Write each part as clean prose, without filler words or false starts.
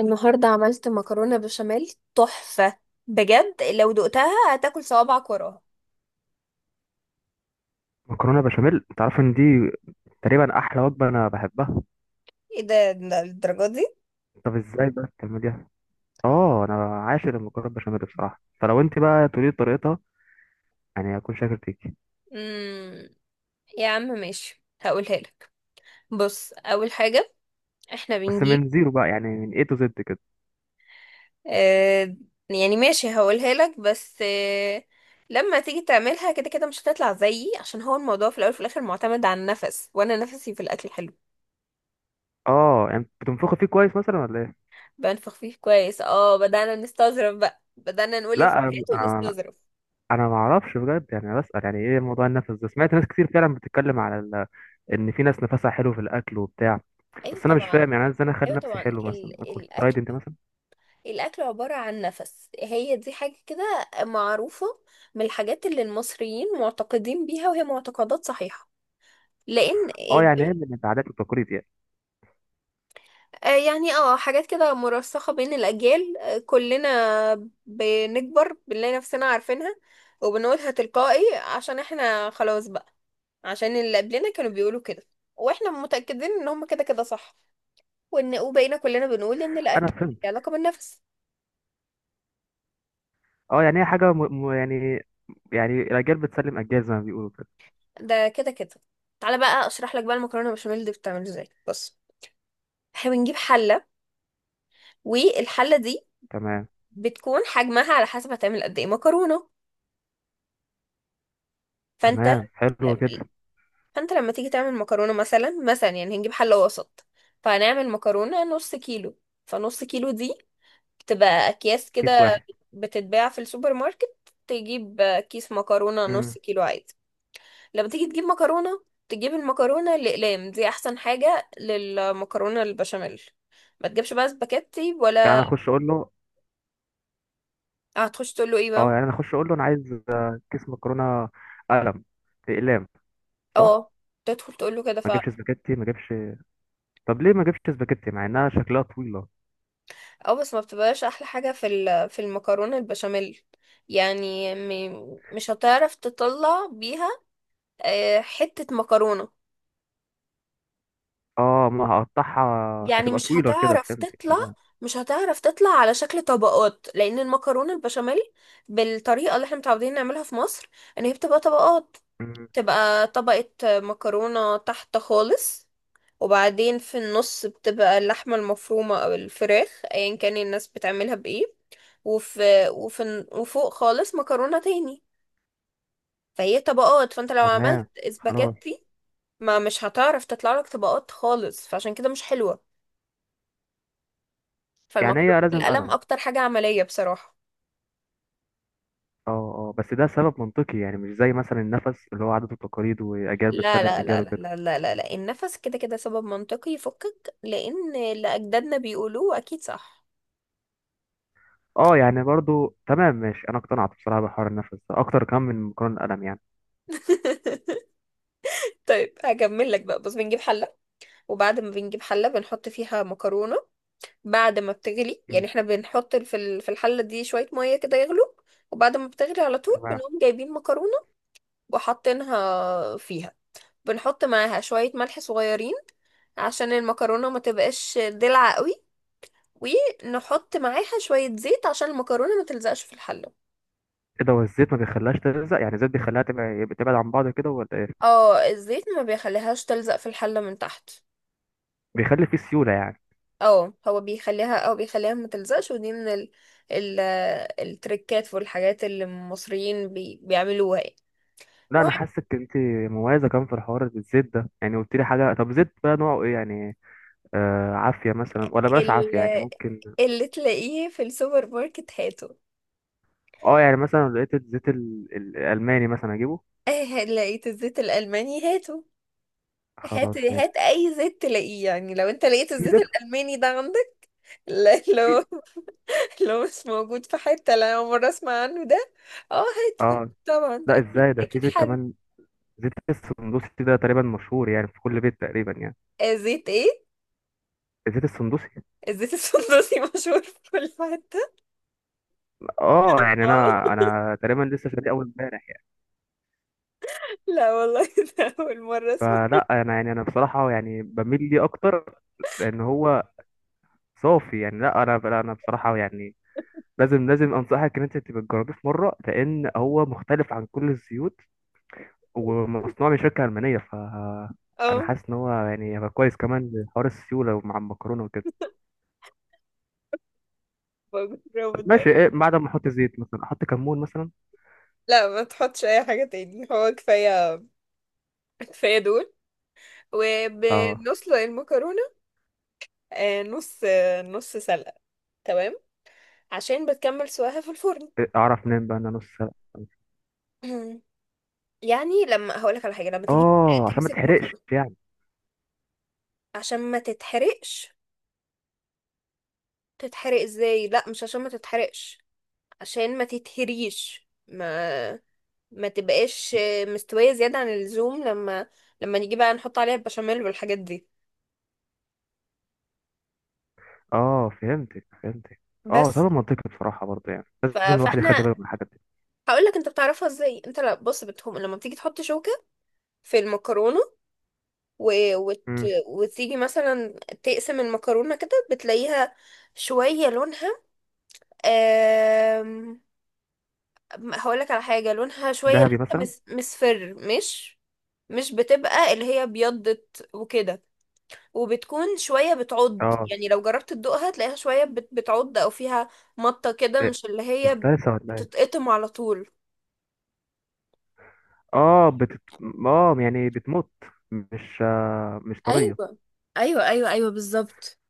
النهاردة عملت مكرونة بشاميل تحفة. بجد لو دقتها هتاكل صوابعك وراها. مكرونه بشاميل انت عارف ان دي تقريبا احلى وجبه انا بحبها. ايه ده الدرجة دي؟ طب ازاي بقى بتعمليها؟ اه، انا عاشق المكرونه بشاميل بصراحه، فلو انت بقى تقولي لي طريقتها يعني هكون شاكر فيكي. امم يا عم ماشي، هقولها لك. بص، اول حاجة احنا بس بنجيب. من زيرو بقى، يعني من اي تو زد كده. آه، يعني ماشي هقولها لك، بس لما تيجي تعملها كده كده مش هتطلع زيي، عشان هو الموضوع في الاول وفي الاخر معتمد على النفس، وانا نفسي في الاكل حلو. اه يعني بتنفخي فيه كويس مثلا ولا ايه؟ بنفخ فيه كويس، اه بدأنا نستظرف بقى، بدأنا نقول لا انا افتات انا ونستظرف. أنا ما اعرفش بجد، يعني انا بسال يعني ايه موضوع النفس ده. سمعت ناس كتير فعلا بتتكلم على ال... ان في ناس نفسها حلو في الاكل وبتاع. ايوه بس انا مش طبعا. فاهم، يعني انا ازاي انا اخلي ايوه نفسي طبعا. حلو مثلا اكل الاكل فرايد انت مثلا. الاكل عباره عن نفس، هي دي حاجه كده معروفه، من الحاجات اللي المصريين معتقدين بيها، وهي معتقدات صحيحه. لان اه يعني ايه، من العادات والتقاليد يعني. آه، يعني حاجات كده مرسخه بين الاجيال. كلنا بنكبر بنلاقي نفسنا عارفينها، وبنقولها تلقائي عشان احنا خلاص بقى، عشان اللي قبلنا كانوا بيقولوا كده، واحنا متاكدين ان هم كده كده صح، وان وبقينا كلنا بنقول ان انا الاكل فهمت. له علاقه بالنفس. اه يعني هي حاجة يعني، يعني الأجيال بتسلم أجيال زي ما بيقولوا كده. ده كده كده. تعالى بقى اشرح لك بقى المكرونه بشاميل دي بتتعمل ازاي. بص، احنا بنجيب حله، والحله دي تمام، بتكون حجمها على حسب هتعمل قد ايه مكرونه. فانت تمام حلو كده. فانت لما تيجي تعمل مكرونه مثلا يعني هنجيب حله وسط، فهنعمل مكرونه نص كيلو. فنص كيلو دي بتبقى اكياس كيس كده واحد. بتتباع في السوبر ماركت. تجيب كيس مكرونه امم. نص كيلو عادي. لما تيجي تجيب مكرونة، تجيب المكرونة الأقلام. دي أحسن حاجة للمكرونة البشاميل. ما تجيبش بقى سباكيتي يعني ولا أنا أخش أقول له، هتخش تقول له ايه بقى؟ اه يعني أنا أخش أقول له أنا عايز آه، كيس مكرونة قلم، بأقلام، صح؟ اه، تدخل تقول له كده ما فعلا. أجيبش سباكيتي، ما أجيبش. طب ليه ما أجيبش سباكيتي مع إنها شكلها طويلة؟ اه، بس ما بتبقاش أحلى حاجة في المكرونة البشاميل. يعني مش هتعرف تطلع بيها حتة مكرونة. اه، ما هقطعها يعني هتبقى طويلة كده، فهمت تمام. مش هتعرف تطلع على شكل طبقات، لأن المكرونة البشاميل بالطريقة اللي احنا متعودين نعملها في مصر ان هي بتبقى طبقات. امم. تبقى طبقة مكرونة تحت خالص، وبعدين في النص بتبقى اللحمة المفرومة أو الفراخ أيا كان الناس بتعملها بإيه، وفي, وفي وفوق خالص مكرونة تاني. فهي طبقات. فانت لو تمام عملت خلاص. اسباجيتي، ما مش هتعرف تطلع لك طبقات خالص، فعشان كده مش حلوة. يعني فالمكرونة هي لازم بالقلم قلم؟ أكتر حاجة عملية بصراحة. اه اه، بس ده سبب منطقي يعني، مش زي مثلا النفس اللي هو عادات وتقاليد وأجيال لا، بتسلم لا، أجيال لا، لا، وكده. لا، لا، لا، لا. النفس كده كده سبب منطقي يفكك، لأن اللي أجدادنا بيقولوه أكيد صح. اه يعني برضو تمام ماشي، انا اقتنعت بصراحه بحوار النفس ده اكتر كمان من مكرونه القلم يعني. طيب، هكمل لك بقى. بص، بنجيب حلة. وبعد ما بنجيب حلة بنحط فيها مكرونة. بعد ما بتغلي، يعني مم. احنا بنحط في الحلة دي شوية مية كده يغلو، وبعد ما بتغلي على طول تمام. بنقوم جايبين مكرونة وحاطينها فيها. بنحط معاها شوية ملح صغيرين عشان المكرونة ما تبقاش دلع قوي. ونحط معاها شوية زيت عشان المكرونة ما تلزقش في الحلة. ايه ده؟ والزيت ما بيخليهاش تلزق، يعني الزيت بيخليها تبعد عن بعض كده ولا ايه؟ اه، الزيت ما بيخليهاش تلزق في الحلة من تحت. بيخلي فيه سيوله يعني. اه، هو بيخليها، او بيخليها ما تلزقش. ودي من ال ال التريكات والحاجات اللي المصريين بيعملوها يعني. لا، انا المهم، حاسك انت مميزه كمان في حوار الزيت ده يعني، قلت لي حاجه. طب زيت بقى نوعه ايه يعني؟ آه، عافيه مثلا ولا بلاش عافيه يعني، ال- ممكن. اللي تلاقيه في السوبر ماركت هاته. اه، يعني مثلا لو لقيت الزيت الالماني مثلا اجيبه. اه، لقيت الزيت الألماني هاته. هات خلاص هات ماشي. اي زيت تلاقيه، يعني لو انت لقيت في الزيت زيت. الألماني ده عندك، لا- في. لو لو مش موجود في حتة، لا أول مرة اسمع عنه ده. اه، هاته هاته اه طبعا، ده لا، اكيد ازاي ده؟ في اكيد زيت حلو. كمان، زيت السندوسي ده تقريبا مشهور يعني في كل بيت تقريبا يعني. آه، زيت ايه؟ زيت السندوسي. الزيت السندوسي مشهور في كل حتة؟ اه يعني، اه، انا تقريبا لسه شاريه اول امبارح يعني. لا والله، ده أول مرة أسمع. فلا انا يعني انا بصراحه يعني بميل ليه اكتر لان هو صافي يعني. لا انا بصراحه يعني، لازم انصحك ان انت تبقى تجربيه في مره، لان هو مختلف عن كل الزيوت ومصنوع من شركه المانيه. ف انا اه، حاسس ان هو يعني هيبقى كويس كمان لحوار السيوله ومع المكرونه وكده. بجربه طب ده. ماشي، ايه بعد ما احط زيت؟ مثلا احط كمون مثلا؟ لا، ما تحطش أي حاجة تاني، هو كفاية. كفاية دول. اه. وبنسلق المكرونة. آه، نص سلقة. تمام، عشان بتكمل سواها في الفرن. إيه، اعرف منين بقى ان انا نص سلق؟ يعني لما هقولك على حاجة، لما تيجي اه، عشان ما تمسك تحرقش مكرونة يعني. عشان ما تتحرقش، تتحرق ازاي؟ لا، مش عشان ما تتحرقش، عشان ما تتهريش، ما تبقاش مستوية زيادة عن اللزوم، لما نيجي بقى نحط عليها البشاميل والحاجات دي اه فهمتك، فهمتك. اه بس. طبعا منطقي بصراحة برضه يعني، لازم الواحد فاحنا يخلي باله من الحاجات دي. هقول لك انت بتعرفها ازاي. انت لا، بص، بتهم لما بتيجي تحط شوكة في المكرونة و... وت... امم. وتيجي مثلا تقسم المكرونة كده بتلاقيها شوية لونها أم... هقول لك على حاجة، لونها شوية لسه دهبي مثلا. مصفر، مش بتبقى اللي هي بيضت وكده. وبتكون شوية بتعض اه. يعني لو جربت تدوقها تلاقيها شوية بتعض، أو فيها مطة كده، إيه، مش اللي هي مفترسة ولا ايه؟ بتتقطم على طول. اه اه يعني بتموت، مش آه مش طرية. ايوه، ايوه، ايوه، ايوه، بالظبط.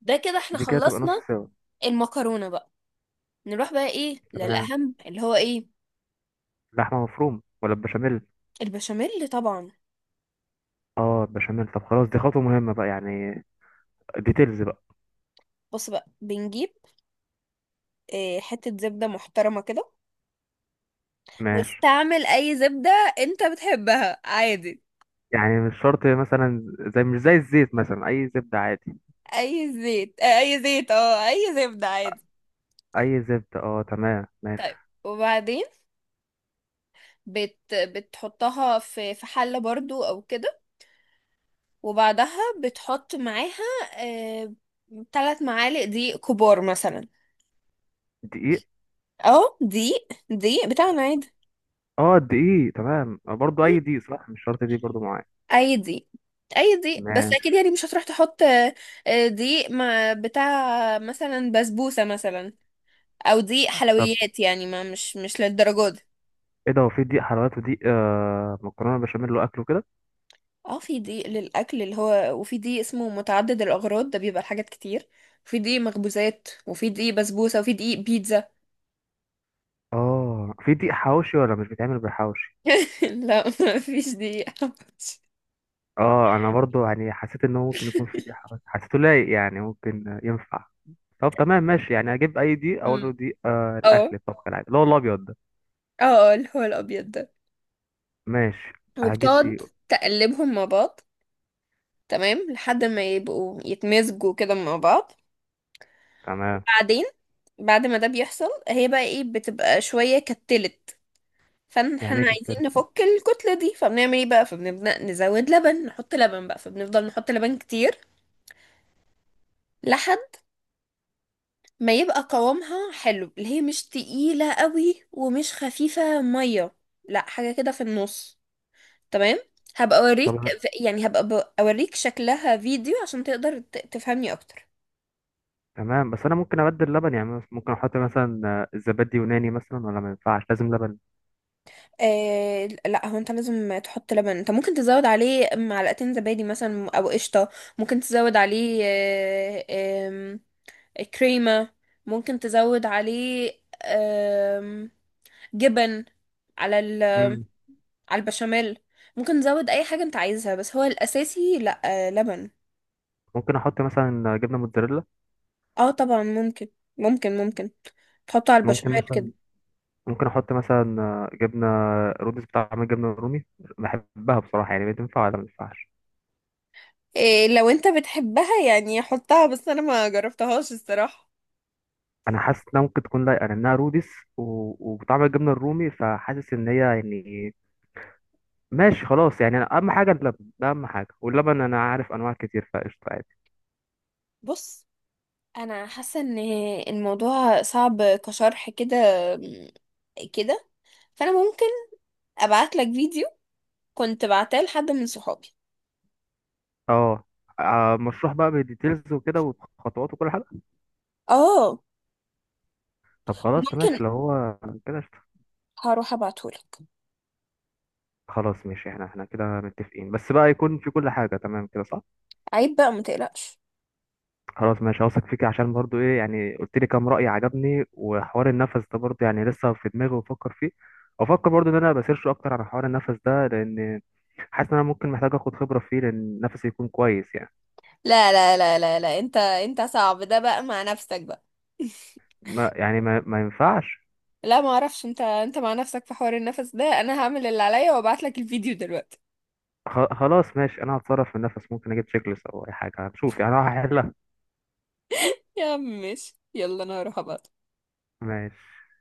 ده كده احنا دي كده تبقى نص خلصنا سوا. المكرونه بقى. نروح بقى ايه تمام. للاهم اللي هو ايه، لحمة مفرومة ولا بشاميل؟ البشاميل طبعا. اه بشاميل. طب خلاص دي خطوة مهمة بقى يعني، ديتيلز بقى. بص بقى، بنجيب إيه، حته زبده محترمه كده، ماشي. واستعمل اي زبده انت بتحبها عادي. يعني مش شرط مثلا، زي مش زي الزيت مثلا، اي زبدة عادي؟ اي زيت، آه، اي زيت، اه اي زبده عادي. اي زبدة، اه تمام ماشي. طيب، وبعدين بتحطها في حلة برضو او كده، وبعدها بتحط معاها آه، 3 معالق دقيق كبار مثلا. دقيق. اه، دقيق دقيق بتاعنا عادي. اه دقيق تمام، آه، برضو اي دقيق صح؟ مش شرط دقيق برضو معايا. اي دقيق اي دقيق، بس ماشي. اكيد يعني مش هتروح تحط دقيق مع بتاع مثلا بسبوسة مثلا، او دقيق طب حلويات، يعني ما مش للدرجة دي. ايه ده، هو في دقيق حلويات ودقيق آه مكرونه بشاميل واكله كده؟ اه، في دقيق للاكل اللي هو، وفي دقيق اسمه متعدد الاغراض، ده بيبقى لحاجات كتير، وفي دقيق مخبوزات، وفي دقيق بسبوسة، وفي دقيق بيتزا. اه في دقيق حواوشي ولا مش بيتعمل بالحواوشي؟ لا، ما فيش دقيقة. اه انا برضو يعني حسيت ان هو ممكن يكون في دقيق حواوشي، حسيته لايق يعني ممكن ينفع. طب تمام ماشي، يعني هجيب اي دقيق، اقول مم. له دقيق آه اه، الاكل الطبخ العادي اللي هو الابيض ده. اه، اه، اللي هو الابيض ده. ماشي، هجيب وبتقعد دقيق. تقلبهم مع بعض، تمام، لحد ما يبقوا يتمزجوا كده مع بعض. تمام. بعدين، بعد ما ده بيحصل هي بقى ايه، بتبقى شوية كتلت. فاحنا يعني ايه عايزين كتير؟ نفك الكتلة دي، فبنعمل ايه بقى؟ فبنبدأ نزود لبن، نحط لبن بقى، فبنفضل نحط لبن كتير. لحد ما يبقى قوامها حلو، اللي هي مش تقيلة قوي ومش خفيفة مية، لا حاجة كده في النص. تمام. هبقى طب اوريك يعني هبقى اوريك شكلها فيديو عشان تقدر تفهمني اكتر. تمام، بس انا ممكن ابدل لبن؟ يعني ممكن احط مثلا آه، الزبادي يوناني مثلا ولا ما ينفعش لازم لبن؟ آه، لا، هو انت لازم تحط لبن. انت ممكن تزود عليه معلقتين زبادي مثلا او قشطة. ممكن تزود عليه آم، كريمة. ممكن تزود عليه آم، جبن على ال مم. على البشاميل. ممكن تزود اي حاجة انت عايزها، بس هو الاساسي لا، لبن. ممكن احط مثلا جبنه موتزاريلا؟ اه، طبعا ممكن. ممكن تحطه على ممكن البشاميل كده. مثلا، ممكن احط مثلا جبنه رودس بطعم الجبنه الرومي، بحبها بصراحه يعني، بتنفع ولا ما تنفعش؟ إيه، لو انت بتحبها يعني حطها، بس انا ما جربتهاش الصراحة. انا حاسس انها ممكن تكون لايقه لانها رودس وبطعم الجبنه الرومي، فحاسس ان هي يعني. ماشي خلاص، يعني أنا اهم حاجه اللبن ده، اهم حاجه، واللبن انا عارف انواع كتير فقشطه عادي. بص، انا حاسة ان الموضوع صعب كشرح كده كده. فانا ممكن ابعت لك فيديو كنت بعتاه لحد من صحابي. اه. آه، مشروح بقى بالديتيلز وكده وخطوات وكل حاجه؟ اه، طب خلاص ماشي ممكن، لو هو كده قشطة. هروح ابعتهولك. خلاص ماشي، احنا كده متفقين، بس بقى يكون في كل حاجه تمام كده، صح؟ عيب بقى، ما تقلقش. خلاص ماشي، هوثق فيك عشان برضو ايه يعني، قلت لي كام رأي عجبني، وحوار النفس ده برضو يعني لسه في دماغي وبفكر فيه، وافكر برضو ان انا بسيرش اكتر على حوار النفس ده، لان حاسس ان انا ممكن محتاج اخد خبرة فيه لان نفسي يكون كويس يعني. لا، لا، لا، لا، لا، انت صعب ده بقى مع نفسك بقى. ما يعني ما ينفعش. لا، ما اعرفش، انت مع نفسك في حوار النفس ده. انا هعمل اللي عليا وابعت لك الفيديو دلوقتي. خلاص ماشي، انا هتصرف في النفس، ممكن اجيب تشيك ليست او اي حاجة، هنشوف يعني، أنا هحلها. يا عم ماشي، يلا انا هروح ابعت. ماشي.